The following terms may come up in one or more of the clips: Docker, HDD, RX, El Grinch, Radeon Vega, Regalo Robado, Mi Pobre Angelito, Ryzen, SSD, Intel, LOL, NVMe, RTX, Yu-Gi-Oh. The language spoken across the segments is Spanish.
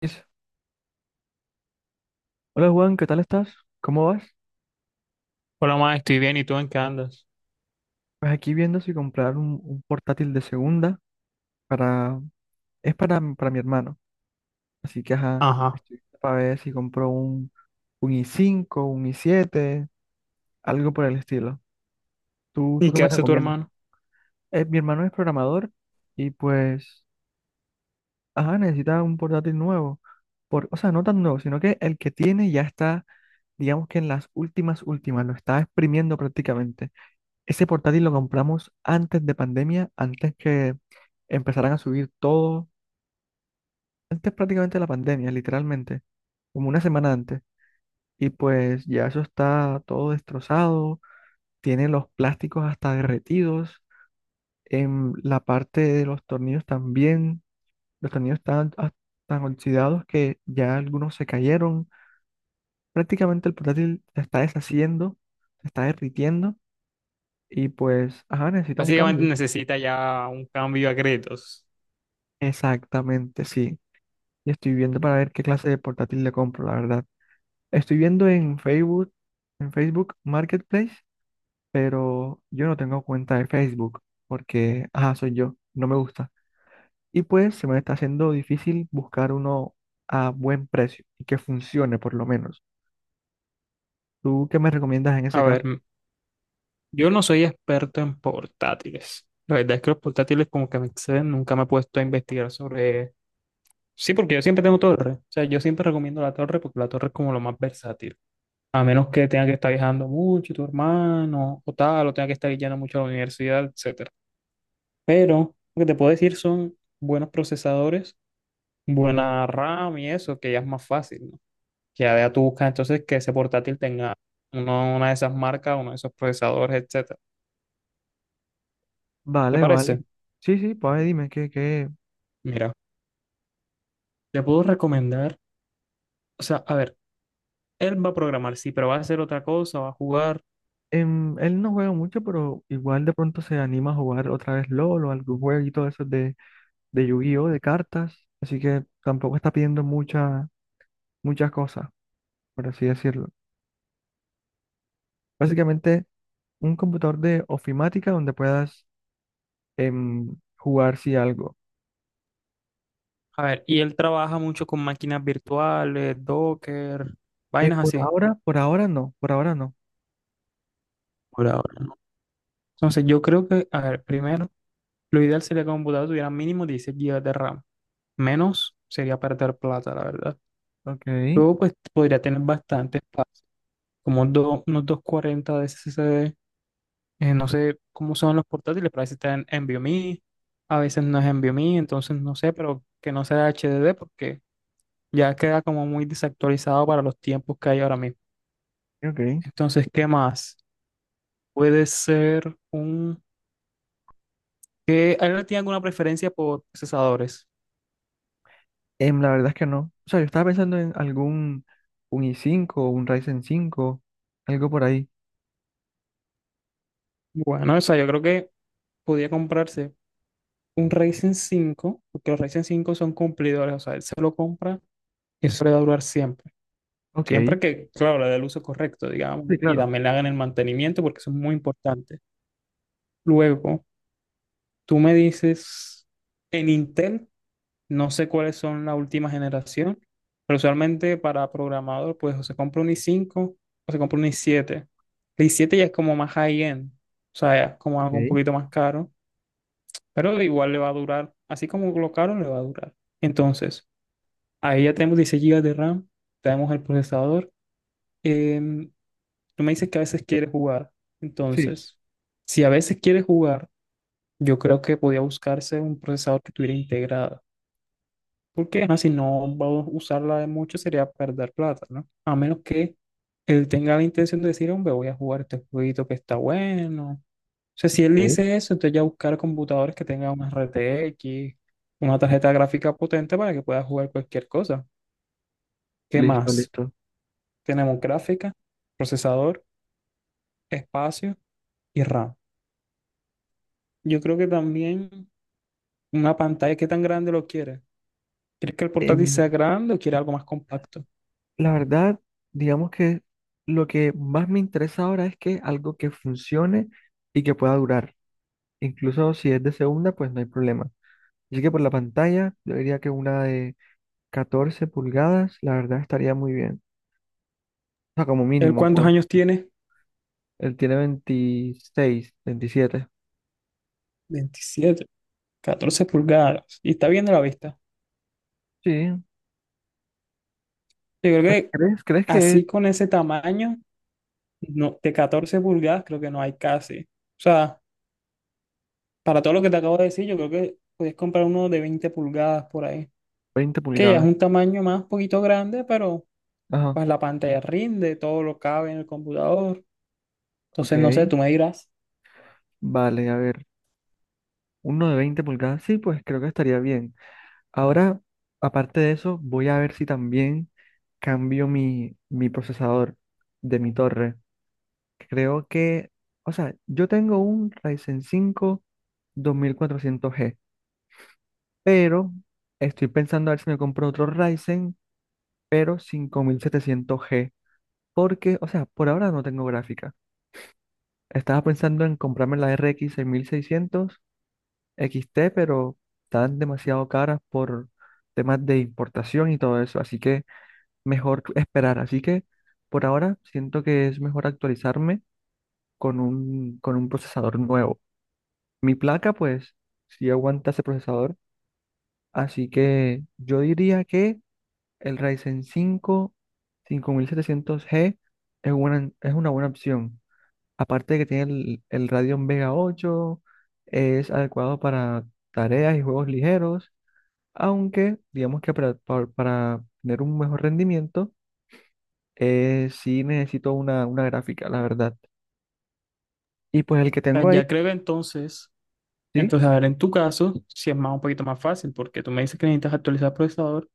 Dice, hola Juan, ¿qué tal estás? ¿Cómo vas? Hola, ma, estoy bien. ¿Y tú en qué andas? Pues aquí viendo si comprar un portátil de segunda para... Es para, para mi hermano. Así que, ajá, Ajá. estoy para ver si compro un i5, un i7, algo por el estilo. ¿Tú ¿Y qué qué me hace tu recomiendas? hermano? Mi hermano es programador y pues, ajá, necesita un portátil nuevo. O sea, no tan nuevo, sino que el que tiene ya está, digamos que en las últimas últimas, lo está exprimiendo prácticamente. Ese portátil lo compramos antes de pandemia, antes que empezaran a subir todo, antes prácticamente de la pandemia, literalmente, como una semana antes. Y pues ya eso está todo destrozado, tiene los plásticos hasta derretidos, en la parte de los tornillos también, los tornillos están tan oxidados que ya algunos se cayeron. Prácticamente el portátil se está deshaciendo, se está derritiendo y pues, ajá, necesita un Básicamente cambio. necesita ya un cambio a créditos. Exactamente, sí. Y estoy viendo para ver qué clase de portátil le compro, la verdad. Estoy viendo en Facebook Marketplace, pero yo no tengo cuenta de Facebook porque, ajá, soy yo, no me gusta. Y pues se me está haciendo difícil buscar uno a buen precio y que funcione por lo menos. ¿Tú qué me recomiendas en ese A ver, caso? Yo no soy experto en portátiles. La verdad es que los portátiles como que me exceden. Nunca me he puesto a investigar sobre... Sí, porque yo siempre tengo torre. O sea, yo siempre recomiendo la torre porque la torre es como lo más versátil. A menos que tenga que estar viajando mucho tu hermano o tal, o tenga que estar yendo mucho a la universidad, etcétera. Pero lo que te puedo decir son buenos procesadores, buena RAM y eso, que ya es más fácil, ¿no? Que ya tú buscas entonces que ese portátil tenga una de esas marcas, uno de esos procesadores, etcétera. ¿Te Vale, vale. parece? Sí, sí, pues dime que Mira, te puedo recomendar, o sea, a ver, él va a programar, sí, pero va a hacer otra cosa, va a jugar. Él no juega mucho, pero igual de pronto se anima a jugar otra vez LOL o algún jueguito de esos de Yu-Gi-Oh, de cartas, así que tampoco está pidiendo muchas cosas, por así decirlo. Básicamente, un computador de ofimática donde puedas, jugar si algo. A ver, y él trabaja mucho con máquinas virtuales, Docker, vainas así, Por ahora no, por ahora no. por ahora, ¿no? Entonces, yo creo que, a ver, primero, lo ideal sería que un computador tuviera mínimo 16 GB de RAM. Menos sería perder plata, la verdad. Ok, Luego, pues podría tener bastante espacio, como unos 240 de SSD. No sé cómo son los portátiles, pero a veces está en NVMe, a veces no es NVMe, entonces no sé, pero que no sea HDD porque ya queda como muy desactualizado para los tiempos que hay ahora mismo. ok. Entonces, ¿qué más? Puede ser un... ¿Qué? ¿Alguien tiene alguna preferencia por procesadores? La verdad es que no. O sea, yo estaba pensando en algún un i5, un Ryzen 5 algo por ahí. Bueno, o sea, yo creo que podía comprarse un Ryzen cinco porque los Ryzen cinco son cumplidores, o sea, él se lo compra y eso le va a durar siempre. Ok, sí, Siempre que, claro, le dé el uso correcto, digamos, y claro. también le hagan el mantenimiento porque eso es muy importante. Luego, tú me dices, en Intel, no sé cuáles son la última generación, pero usualmente para programador, pues o se compra un i5 o se compra un i7. El i7 ya es como más high-end, o sea, ya es como algo un Ok, poquito más caro, pero igual le va a durar, así como lo caro le va a durar. Entonces, ahí ya tenemos 16 gigas de RAM, tenemos el procesador. em, Tú me dices que a veces quieres jugar. sí, Entonces, si a veces quieres jugar, yo creo que podía buscarse un procesador que tuviera integrada. Porque ajá, si no va a usarla de mucho, sería perder plata, ¿no? A menos que él tenga la intención de decir, hombre, voy a jugar este jueguito que está bueno. O sea, si él ok. dice eso, entonces ya buscar computadores que tengan una RTX, una tarjeta gráfica potente para que pueda jugar cualquier cosa. ¿Qué Listo, más? listo. Tenemos gráfica, procesador, espacio y RAM. Yo creo que también una pantalla, ¿qué tan grande lo quieres? ¿Quieres que el portátil Em, sea grande o quieres algo más compacto? la verdad, digamos que lo que más me interesa ahora es que algo que funcione y que pueda durar. Incluso si es de segunda, pues no hay problema. Así que por la pantalla, yo diría que una de 14 pulgadas, la verdad estaría muy bien. O sea, como ¿Él mínimo, cuántos pues. años tiene? Él tiene 26, 27. 27. Catorce pulgadas. Y está bien de la vista. Sí. Yo creo que ¿Crees, crees que es así con ese tamaño, no, de 14 pulgadas creo que no hay casi. O sea, para todo lo que te acabo de decir, yo creo que puedes comprar uno de 20 pulgadas por ahí. 20 Que ya es pulgadas? un tamaño más poquito grande, pero Ajá, pues la pantalla rinde, todo lo cabe en el computador. Entonces, no sé, ok. tú me dirás. Vale, a ver. Uno de 20 pulgadas, sí, pues creo que estaría bien. Ahora, aparte de eso, voy a ver si también cambio mi procesador de mi torre. Creo que, o sea, yo tengo un Ryzen 5 2400 g, pero estoy pensando a ver si me compro otro Ryzen, pero 5700 g porque, o sea, por ahora no tengo gráfica. Estaba pensando en comprarme la RX X 6600 X T, pero están demasiado caras por temas de importación y todo eso, así que mejor esperar. Así que por ahora siento que es mejor actualizarme con un procesador nuevo. Mi placa, pues, sí aguanta ese procesador. Así que yo diría que el Ryzen 5 5700 g es una buena opción. Aparte de que tiene el Radeon Vega 8, es adecuado para tareas y juegos ligeros, aunque digamos que para tener un mejor rendimiento, eh, sí necesito una gráfica, la verdad. Y pues el que Ah, tengo ahí, ya creo que entonces... sí. Entonces, a ver, en tu caso, si es más un poquito más fácil, porque tú me dices que necesitas actualizar el procesador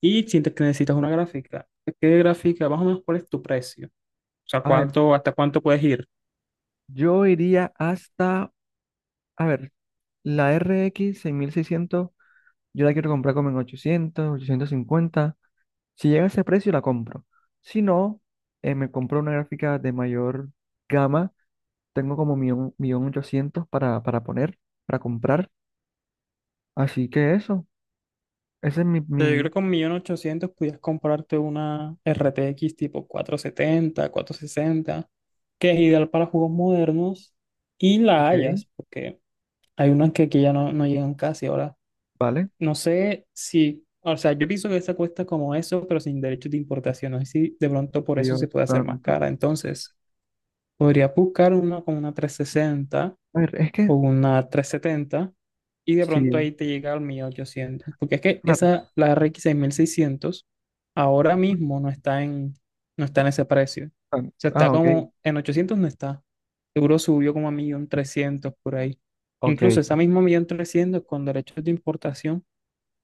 y sientes que necesitas una gráfica. ¿Qué gráfica? Más o menos, ¿cuál es tu precio? O sea, A ver, ¿cuánto, hasta cuánto puedes ir? yo iría hasta, a ver, la RX 600 yo la quiero comprar como en 800, 850. Si llega a ese precio, la compro. Si no, me compro una gráfica de mayor gama. Tengo como 1.800.000 para poner, para comprar. Así que eso, ese es mi, Yo creo mi... que con 1.800.000 pudieras comprarte una RTX tipo 470, sesenta, que es ideal para juegos modernos y la Ok. hayas, porque hay unas que aquí ya no, no llegan casi ahora. ¿Vale? No sé si, o sea, yo pienso que esa cuesta como eso, pero sin derechos de importación. No sé si de pronto por eso Dios se puede hacer más santo. cara. Entonces, podría buscar una con una 360 A ver, es que o una 370 y de pronto sí. ahí te llega al 1.800. Porque es que Claro. esa, la RX 600 ahora mismo no está en, no está en ese precio. O Ah, sea, está ah, ok, como en 800, no está. Seguro subió como a 1.300 por ahí. ok, Incluso esa misma 1.300 con derechos de importación,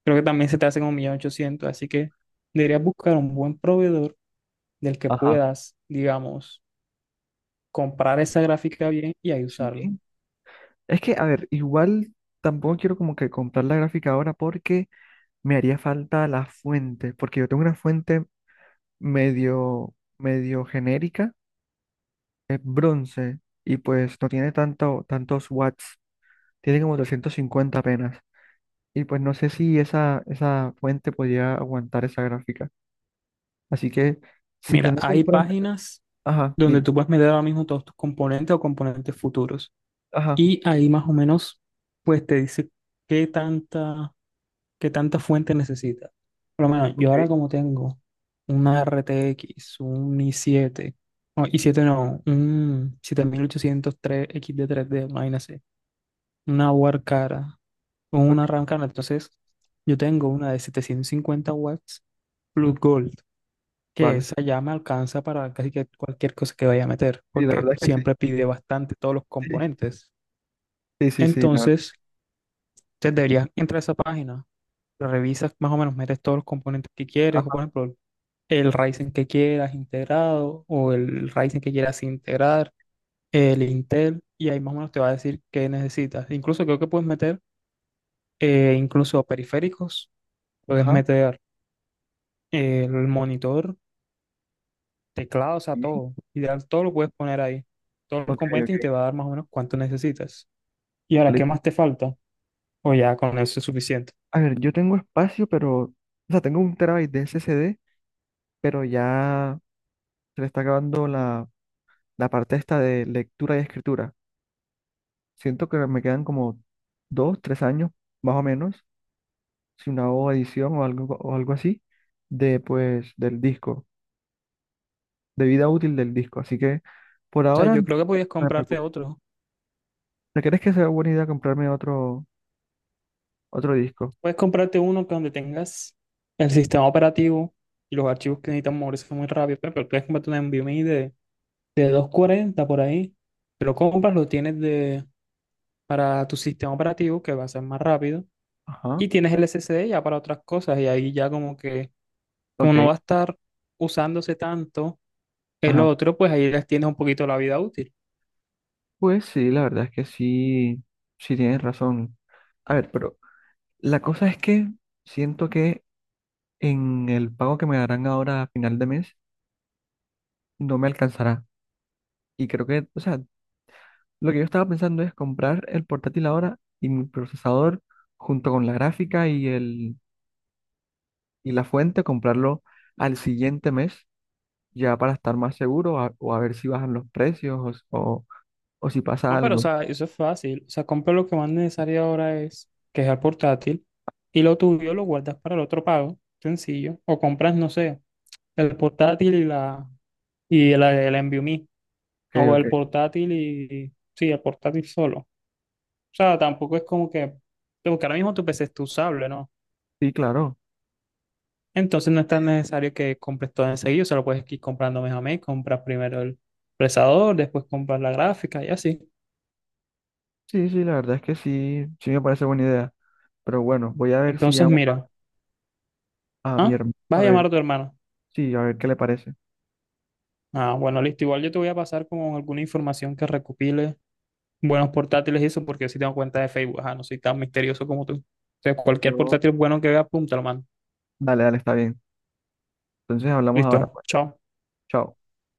creo que también se te hace como 1.800.000, así que deberías buscar un buen proveedor del que ajá, puedas, digamos, comprar esa gráfica bien y ahí sí. usarlo. Es que, a ver, igual tampoco quiero como que comprar la gráfica ahora porque me haría falta la fuente, porque yo tengo una fuente medio, medio genérica, es bronce, y pues no tiene tantos watts, tiene como 250 apenas, y pues no sé si esa fuente podría aguantar esa gráfica. Así que, si Mira, planeo hay comprarme, páginas ajá, donde dime, tú puedes meter ahora mismo todos tus componentes o componentes futuros ajá, y ahí más o menos pues te dice qué tanta, qué tanta fuente necesitas. Por lo menos yo ahora ok, como tengo una RTX, un i7, no, i7 no, un 7803 x de tres d, imagínate, una Warcara o ok, una Ramcara. Entonces, yo tengo una de 750 W Blue Gold, que vale. esa ya me alcanza para casi que cualquier cosa que vaya a meter, Sí, la porque verdad es que siempre pide bastante todos los sí, componentes. sí, sí, sí, sí, la verdad. Entonces, te deberías entrar a esa página, lo revisas más o menos, metes todos los componentes que quieres, o por ejemplo, el Ryzen que quieras integrado o el Ryzen que quieras integrar, el Intel, y ahí más o menos te va a decir qué necesitas. Incluso creo que puedes meter, incluso periféricos. Puedes Ajá. meter el monitor, teclado, o sea, Sí. todo. Ideal, todo lo puedes poner ahí. Todos los Ok, componentes y ok. te va a dar más o menos cuánto necesitas. Y ahora, ¿qué Listo. más te falta? O ya con eso es suficiente. A ver, yo tengo espacio, pero, o sea, tengo un terabyte de SSD, pero ya se le está acabando la parte esta de lectura y escritura. Siento que me quedan como dos, tres años, más o menos, si una o edición o algo así, de, pues, del disco, de vida útil del disco. Así que, por O sea, ahora, no yo creo que podías me comprarte preocupo. otro. ¿Te crees que sea buena idea comprarme otro disco? Puedes comprarte uno que donde tengas el sistema operativo y los archivos que necesitan moverse muy rápido. Pero puedes comprarte un NVMe de 240 por ahí. Te lo compras, lo tienes de, para tu sistema operativo que va a ser más rápido. Ajá. Y tienes el SSD ya para otras cosas. Y ahí ya, como que como no Ok. va a estar usándose tanto el Ajá. otro, pues ahí les tienes un poquito la vida útil. Pues sí, la verdad es que sí, sí tienes razón. A ver, pero la cosa es que siento que en el pago que me darán ahora a final de mes no me alcanzará. Y creo que, o sea, lo que yo estaba pensando es comprar el portátil ahora y mi procesador junto con la gráfica y el y la fuente, comprarlo al siguiente mes ya para estar más seguro, o a ver si bajan los precios o si pasa No, pero o algo. sea, eso es fácil. O sea, compra lo que más necesario ahora es, que es el portátil, y lo tuyo lo guardas para el otro pago, sencillo. O compras, no sé, el portátil y la, y la, el NVMe. Ok, O ok. el portátil, y sí, el portátil solo. O sea, tampoco es como que, porque ahora mismo tu PC es tu usable, ¿no? Sí, claro. Entonces no es tan necesario que compres todo enseguida, solo puedes ir comprando mes a mes, compras primero el procesador, después compras la gráfica y así. Sí, sí, la verdad es que sí, sí me parece buena idea. Pero bueno, voy a ver si Entonces llamo mira, a mi ¿ah? hermano, ¿Vas a a ver, llamar a tu hermano? sí, a ver qué le parece. Ah, bueno, listo, igual yo te voy a pasar como alguna información que recopile, buenos portátiles y eso, porque yo sí tengo cuenta de Facebook, ajá, no soy tan misterioso como tú. Entonces cualquier Yo, portátil bueno que vea, apúntalo, mano. dale, dale, está bien. Entonces hablamos ahora, Listo, pues. chao. Chao.